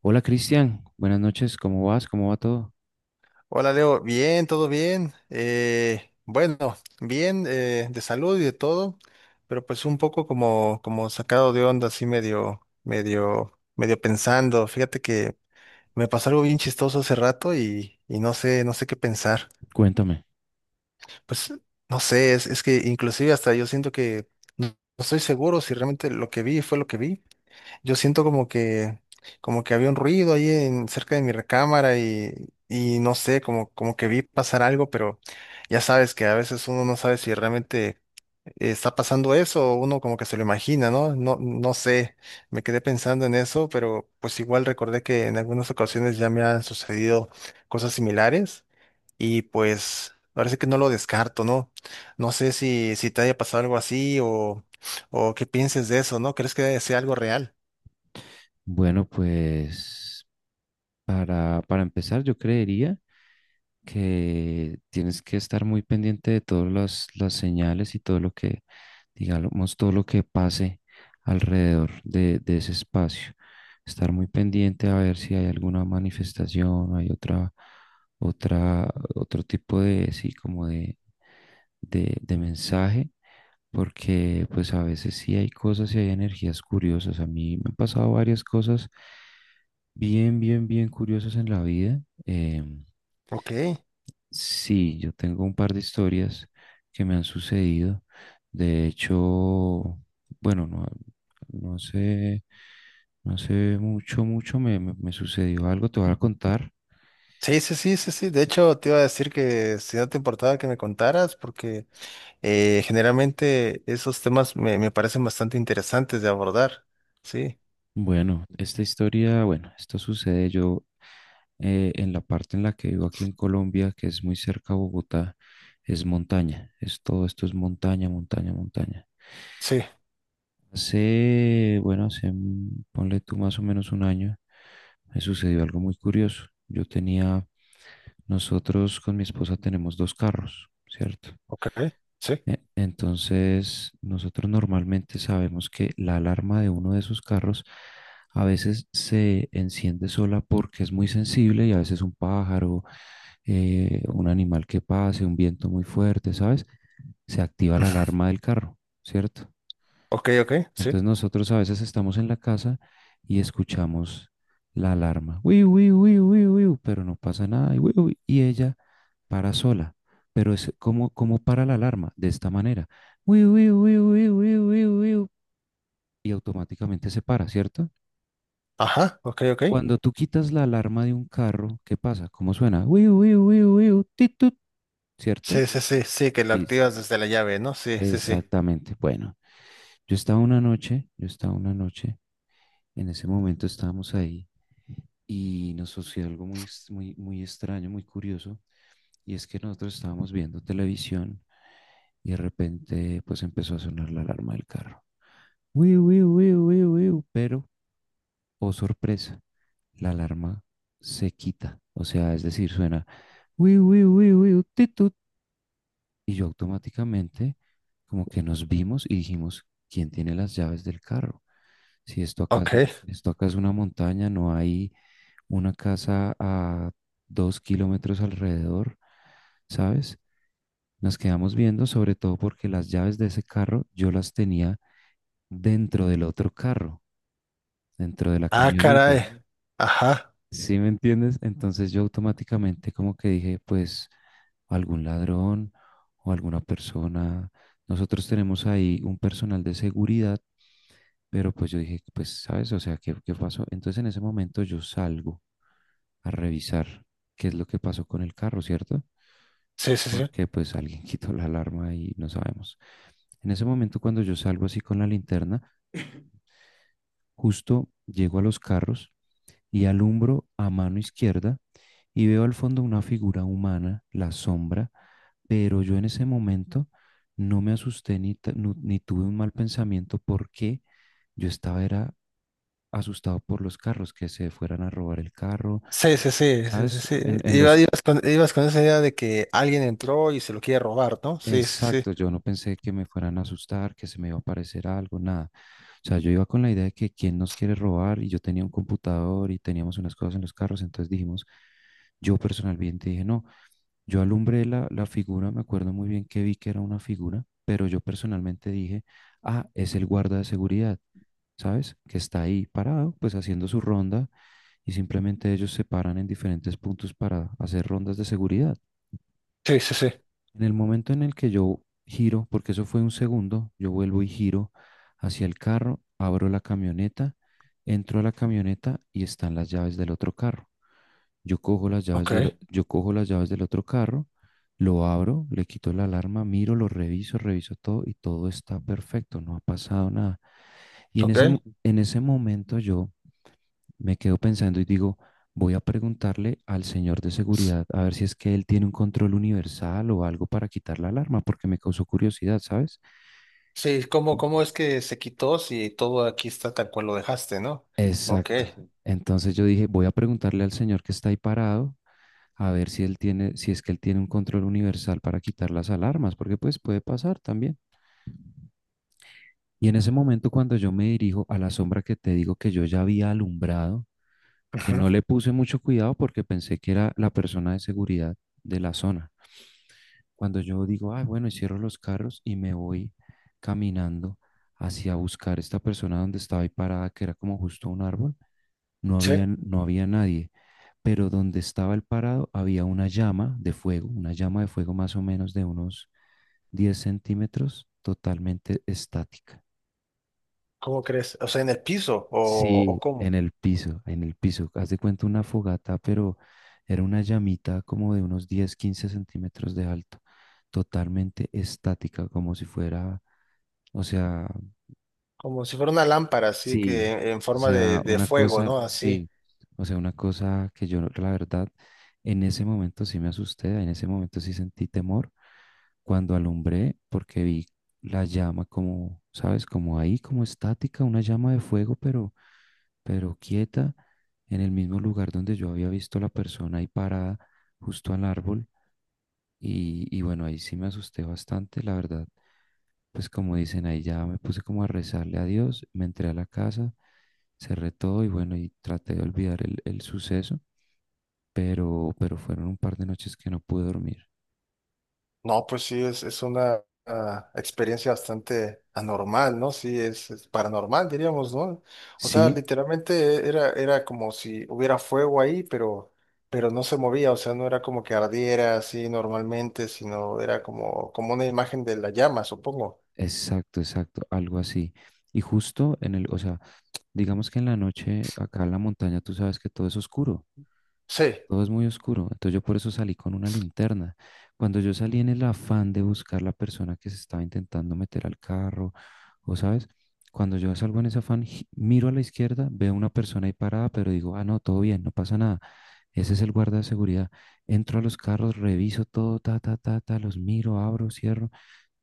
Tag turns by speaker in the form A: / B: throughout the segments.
A: Hola Cristian, buenas noches, ¿cómo vas? ¿Cómo va todo?
B: Hola Leo, bien, todo bien. Bueno, bien de salud y de todo, pero pues un poco como sacado de onda, así medio pensando. Fíjate que me pasó algo bien chistoso hace rato y no sé, no sé qué pensar.
A: Cuéntame.
B: Pues no sé, es que inclusive hasta yo siento que no no estoy seguro si realmente lo que vi fue lo que vi. Yo siento como que había un ruido ahí cerca de mi recámara y no sé, como que vi pasar algo, pero ya sabes que a veces uno no sabe si realmente está pasando eso o uno como que se lo imagina, ¿no? No, no sé, me quedé pensando en eso, pero pues igual recordé que en algunas ocasiones ya me han sucedido cosas similares y pues parece que no lo descarto, ¿no? No sé si te haya pasado algo así o qué pienses de eso, ¿no? ¿Crees que sea algo real?
A: Bueno, pues para empezar yo creería que tienes que estar muy pendiente de todas las señales y todo lo que, digamos, todo lo que pase alrededor de ese espacio. Estar muy pendiente a ver si hay alguna manifestación, hay otra, otro tipo de, sí, como de mensaje porque pues a veces sí hay cosas y hay energías curiosas. A mí me han pasado varias cosas bien, bien, bien curiosas en la vida.
B: Ok.
A: Sí, yo tengo un par de historias que me han sucedido. De hecho, bueno, no, no sé, no sé mucho, mucho me sucedió algo, te voy a contar.
B: Sí, sí, sí, sí, sí. De hecho, te iba a decir que si no te importaba que me contaras, porque generalmente esos temas me parecen bastante interesantes de abordar. Sí,
A: Bueno, esta historia, bueno, esto sucede yo en la parte en la que vivo aquí en Colombia, que es muy cerca a Bogotá, es montaña, es todo esto es montaña, montaña, montaña.
B: sí,
A: Hace, bueno, hace, ponle tú más o menos un año, me sucedió algo muy curioso. Yo tenía, nosotros con mi esposa tenemos dos carros, ¿cierto?
B: ok, sí,
A: Entonces, nosotros normalmente sabemos que la alarma de uno de esos carros a veces se enciende sola porque es muy sensible y a veces un pájaro, un animal que pase, un viento muy fuerte, ¿sabes? Se activa la alarma del carro, ¿cierto?
B: ok, ok, sí.
A: Entonces nosotros a veces estamos en la casa y escuchamos la alarma, uy uy uy uy uy, pero no pasa nada y, uy uy y ella para sola. Pero es como, como para la alarma, de esta manera, uy uy uy uy uy uy uy y automáticamente se para, ¿cierto?
B: Ajá, ok, ok.
A: Cuando tú quitas la alarma de un carro, ¿qué pasa? ¿Cómo suena? Uy uy uy uy tit, tut, ¿cierto?
B: Sí, sí, sí, sí, que lo
A: Y-
B: activas desde la llave, ¿no? Sí, sí, sí.
A: Exactamente. Bueno, yo estaba una noche, yo estaba una noche, en ese momento estábamos ahí y nos sucedió algo muy, muy, muy extraño, muy curioso, y es que nosotros estábamos viendo televisión y de repente pues empezó a sonar la alarma del carro. Wiu, wiu, wiu, wiu, wiu, pero, oh sorpresa, la alarma se quita, o sea, es decir, suena wiu, wiu, wiu, wiu, ti, tu. Y yo automáticamente como que nos vimos y dijimos, ¿quién tiene las llaves del carro? Si esto acá es,
B: Ok.
A: esto acá es una montaña, no hay una casa a 2 kilómetros alrededor, ¿sabes? Nos quedamos viendo, sobre todo porque las llaves de ese carro yo las tenía dentro del otro carro, dentro de la
B: Ah,
A: camioneta.
B: caray. Ajá.
A: ¿Sí me entiendes? Entonces yo automáticamente como que dije, pues algún ladrón o alguna persona. Nosotros tenemos ahí un personal de seguridad, pero pues yo dije, pues ¿sabes? O sea, ¿qué pasó? Entonces en ese momento yo salgo a revisar qué es lo que pasó con el carro, ¿cierto?
B: Sí, sí, sí.
A: Porque pues alguien quitó la alarma y no sabemos. En ese momento cuando yo salgo así con la linterna, justo llego a los carros y alumbro a mano izquierda y veo al fondo una figura humana, la sombra, pero yo en ese momento no me asusté ni, ta- nu- ni tuve un mal pensamiento porque yo estaba era asustado por los carros, que se fueran a robar el carro,
B: Sí, sí, sí, sí, sí,
A: ¿sabes?
B: sí. Ibas ibas con esa idea de que alguien entró y se lo quiere robar, ¿no? Sí, sí, sí.
A: Exacto, yo no pensé que me fueran a asustar, que se me iba a aparecer algo, nada. O sea, yo iba con la idea de que quién nos quiere robar y yo tenía un computador y teníamos unas cosas en los carros, entonces dijimos, yo personalmente dije, no, yo alumbré la figura, me acuerdo muy bien que vi que era una figura, pero yo personalmente dije, ah, es el guarda de seguridad, ¿sabes? Que está ahí parado, pues haciendo su ronda y simplemente ellos se paran en diferentes puntos para hacer rondas de seguridad.
B: Sí, sí, sí.
A: En el momento en el que yo giro, porque eso fue un segundo, yo vuelvo y giro hacia el carro, abro la camioneta, entro a la camioneta y están las llaves del otro carro. Yo cojo las llaves
B: Ok.
A: yo cojo las llaves del otro carro, lo abro, le quito la alarma, miro, lo reviso, reviso todo y todo está perfecto, no ha pasado nada. Y en
B: Ok.
A: ese, en ese momento yo me quedo pensando y digo, voy a preguntarle al señor de seguridad a ver si es que él tiene un control universal o algo para quitar la alarma, porque me causó curiosidad, ¿sabes?
B: Sí, ¿cómo,
A: Sí.
B: cómo es que se quitó si todo aquí está tal cual lo dejaste, ¿no? Ok.
A: Exacto. Entonces yo dije, voy a preguntarle al señor que está ahí parado a ver si él tiene, si es que él tiene un control universal para quitar las alarmas, porque pues puede pasar también. Y en ese momento cuando yo me dirijo a la sombra que te digo que yo ya había alumbrado, que
B: Ajá.
A: no le puse mucho cuidado porque pensé que era la persona de seguridad de la zona. Cuando yo digo, ah, bueno, y cierro los carros y me voy caminando hacia buscar esta persona donde estaba ahí parada, que era como justo un árbol,
B: Sí,
A: no había nadie, pero donde estaba el parado había una llama de fuego, una llama de fuego más o menos de unos 10 centímetros, totalmente estática.
B: ¿cómo crees? O sea, en el piso, o
A: Sí,
B: cómo,
A: en el piso, en el piso. Haz de cuenta una fogata, pero era una llamita como de unos 10, 15 centímetros de alto, totalmente estática, como si fuera, o sea,
B: como si fuera una lámpara, así
A: sí,
B: que en
A: o
B: forma
A: sea,
B: de
A: una
B: fuego,
A: cosa,
B: ¿no? Así.
A: sí, o sea, una cosa que yo, la verdad, en ese momento sí me asusté, en ese momento sí sentí temor cuando alumbré, porque vi la llama como, ¿sabes? Como ahí, como estática, una llama de fuego, pero quieta, en el mismo lugar donde yo había visto la persona ahí parada, justo al árbol, y bueno, ahí sí me asusté bastante, la verdad. Pues como dicen ahí, ya me puse como a rezarle a Dios, me entré a la casa, cerré todo y bueno, y traté de olvidar el suceso, pero fueron un par de noches que no pude dormir.
B: No, pues sí, es una experiencia bastante anormal, ¿no? Sí, es paranormal, diríamos, ¿no? O sea,
A: Sí,
B: literalmente era, era como si hubiera fuego ahí, pero no se movía, o sea, no era como que ardiera así normalmente, sino era como, como una imagen de la llama, supongo.
A: exacto, exacto, algo así. Y justo en el, o sea, digamos que en la noche acá en la montaña tú sabes que todo es oscuro.
B: Sí,
A: Todo es muy oscuro. Entonces yo por eso salí con una linterna. Cuando yo salí en el afán de buscar la persona que se estaba intentando meter al carro, o sabes, cuando yo salgo en ese afán, miro a la izquierda, veo una persona ahí parada, pero digo, ah, no, todo bien, no pasa nada. Ese es el guarda de seguridad. Entro a los carros, reviso todo, ta, ta, ta, ta, los miro, abro, cierro,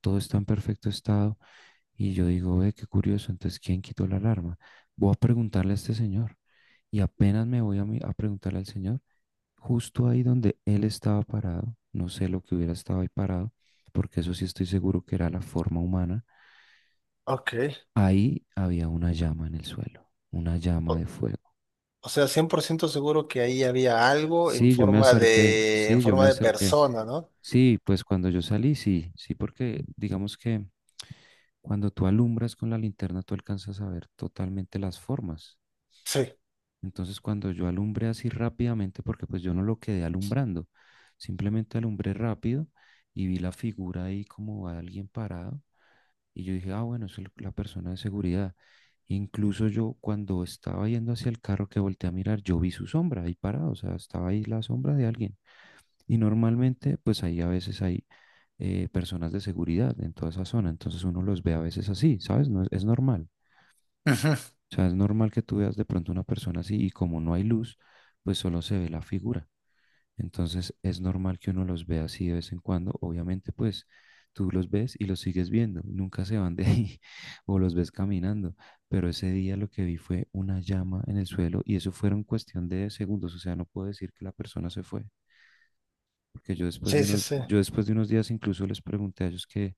A: todo está en perfecto estado. Y yo digo, ve, qué curioso, entonces, ¿quién quitó la alarma? Voy a preguntarle a este señor. Y apenas me voy a preguntarle al señor, justo ahí donde él estaba parado, no sé lo que hubiera estado ahí parado, porque eso sí estoy seguro que era la forma humana,
B: ok.
A: ahí había una llama en el suelo, una llama
B: O,
A: de fuego.
B: o sea, 100% seguro que ahí había algo
A: Sí, yo me acerqué,
B: en
A: sí, yo me
B: forma de
A: acerqué.
B: persona, ¿no?
A: Sí, pues cuando yo salí, sí, sí, porque digamos que cuando tú alumbras con la linterna, tú alcanzas a ver totalmente las formas.
B: Sí.
A: Entonces cuando yo alumbré así rápidamente, porque pues yo no lo quedé alumbrando, simplemente alumbré rápido y vi la figura ahí como a alguien parado y yo dije, ah, bueno, es la persona de seguridad. Incluso yo cuando estaba yendo hacia el carro que volteé a mirar, yo vi su sombra ahí parado, o sea, estaba ahí la sombra de alguien. Y normalmente pues ahí a veces hay personas de seguridad en toda esa zona, entonces uno los ve a veces así, ¿sabes? No, es normal.
B: Ujú.
A: O sea, es normal que tú veas de pronto una persona así y como no hay luz, pues solo se ve la figura. Entonces es normal que uno los vea así de vez en cuando. Obviamente, pues tú los ves y los sigues viendo. Nunca se van de ahí o los ves caminando. Pero ese día lo que vi fue una llama en el suelo y eso fueron cuestión de segundos. O sea, no puedo decir que la persona se fue. Porque yo después de
B: Sí, sí,
A: unos,
B: sí.
A: yo después de unos días incluso les pregunté a ellos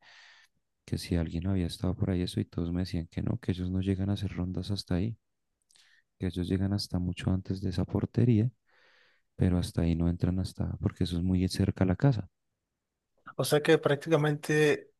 A: que si alguien había estado por ahí eso y todos me decían que no, que ellos no llegan a hacer rondas hasta ahí, que ellos llegan hasta mucho antes de esa portería, pero hasta ahí no entran hasta, porque eso es muy cerca a la casa.
B: O sea que prácticamente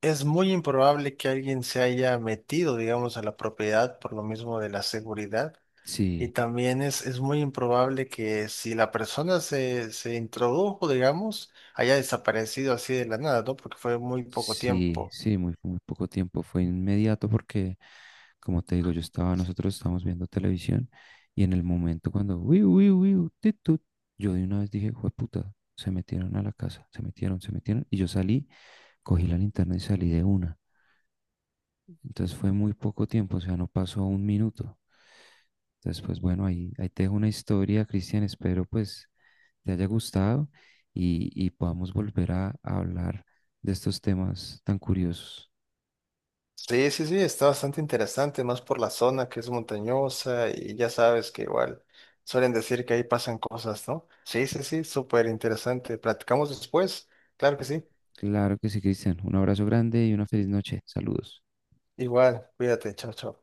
B: es muy improbable que alguien se haya metido, digamos, a la propiedad por lo mismo de la seguridad.
A: Sí,
B: Y también es muy improbable que si la persona se introdujo, digamos, haya desaparecido así de la nada, ¿no? Porque fue muy poco
A: sí,
B: tiempo.
A: sí, muy, muy poco tiempo, fue inmediato porque, como te digo, yo estaba, nosotros estábamos viendo televisión y en el momento cuando, uy, uy, uy, tit, tut, yo de una vez dije, jueputa se metieron a la casa, se metieron, y yo salí, cogí la linterna y salí de una. Entonces fue muy poco tiempo, o sea, no pasó un minuto. Entonces, pues bueno, ahí, ahí te dejo una historia, Cristian. Espero pues te haya gustado y podamos volver a hablar de estos temas tan curiosos.
B: Sí, sí, sí, está bastante interesante, más por la zona que es montañosa y ya sabes que igual suelen decir que ahí pasan cosas, ¿no? Sí, sí, sí, súper interesante. Platicamos después. Claro que sí.
A: Claro que sí, Cristian. Un abrazo grande y una feliz noche. Saludos.
B: Igual, cuídate, chao, chao.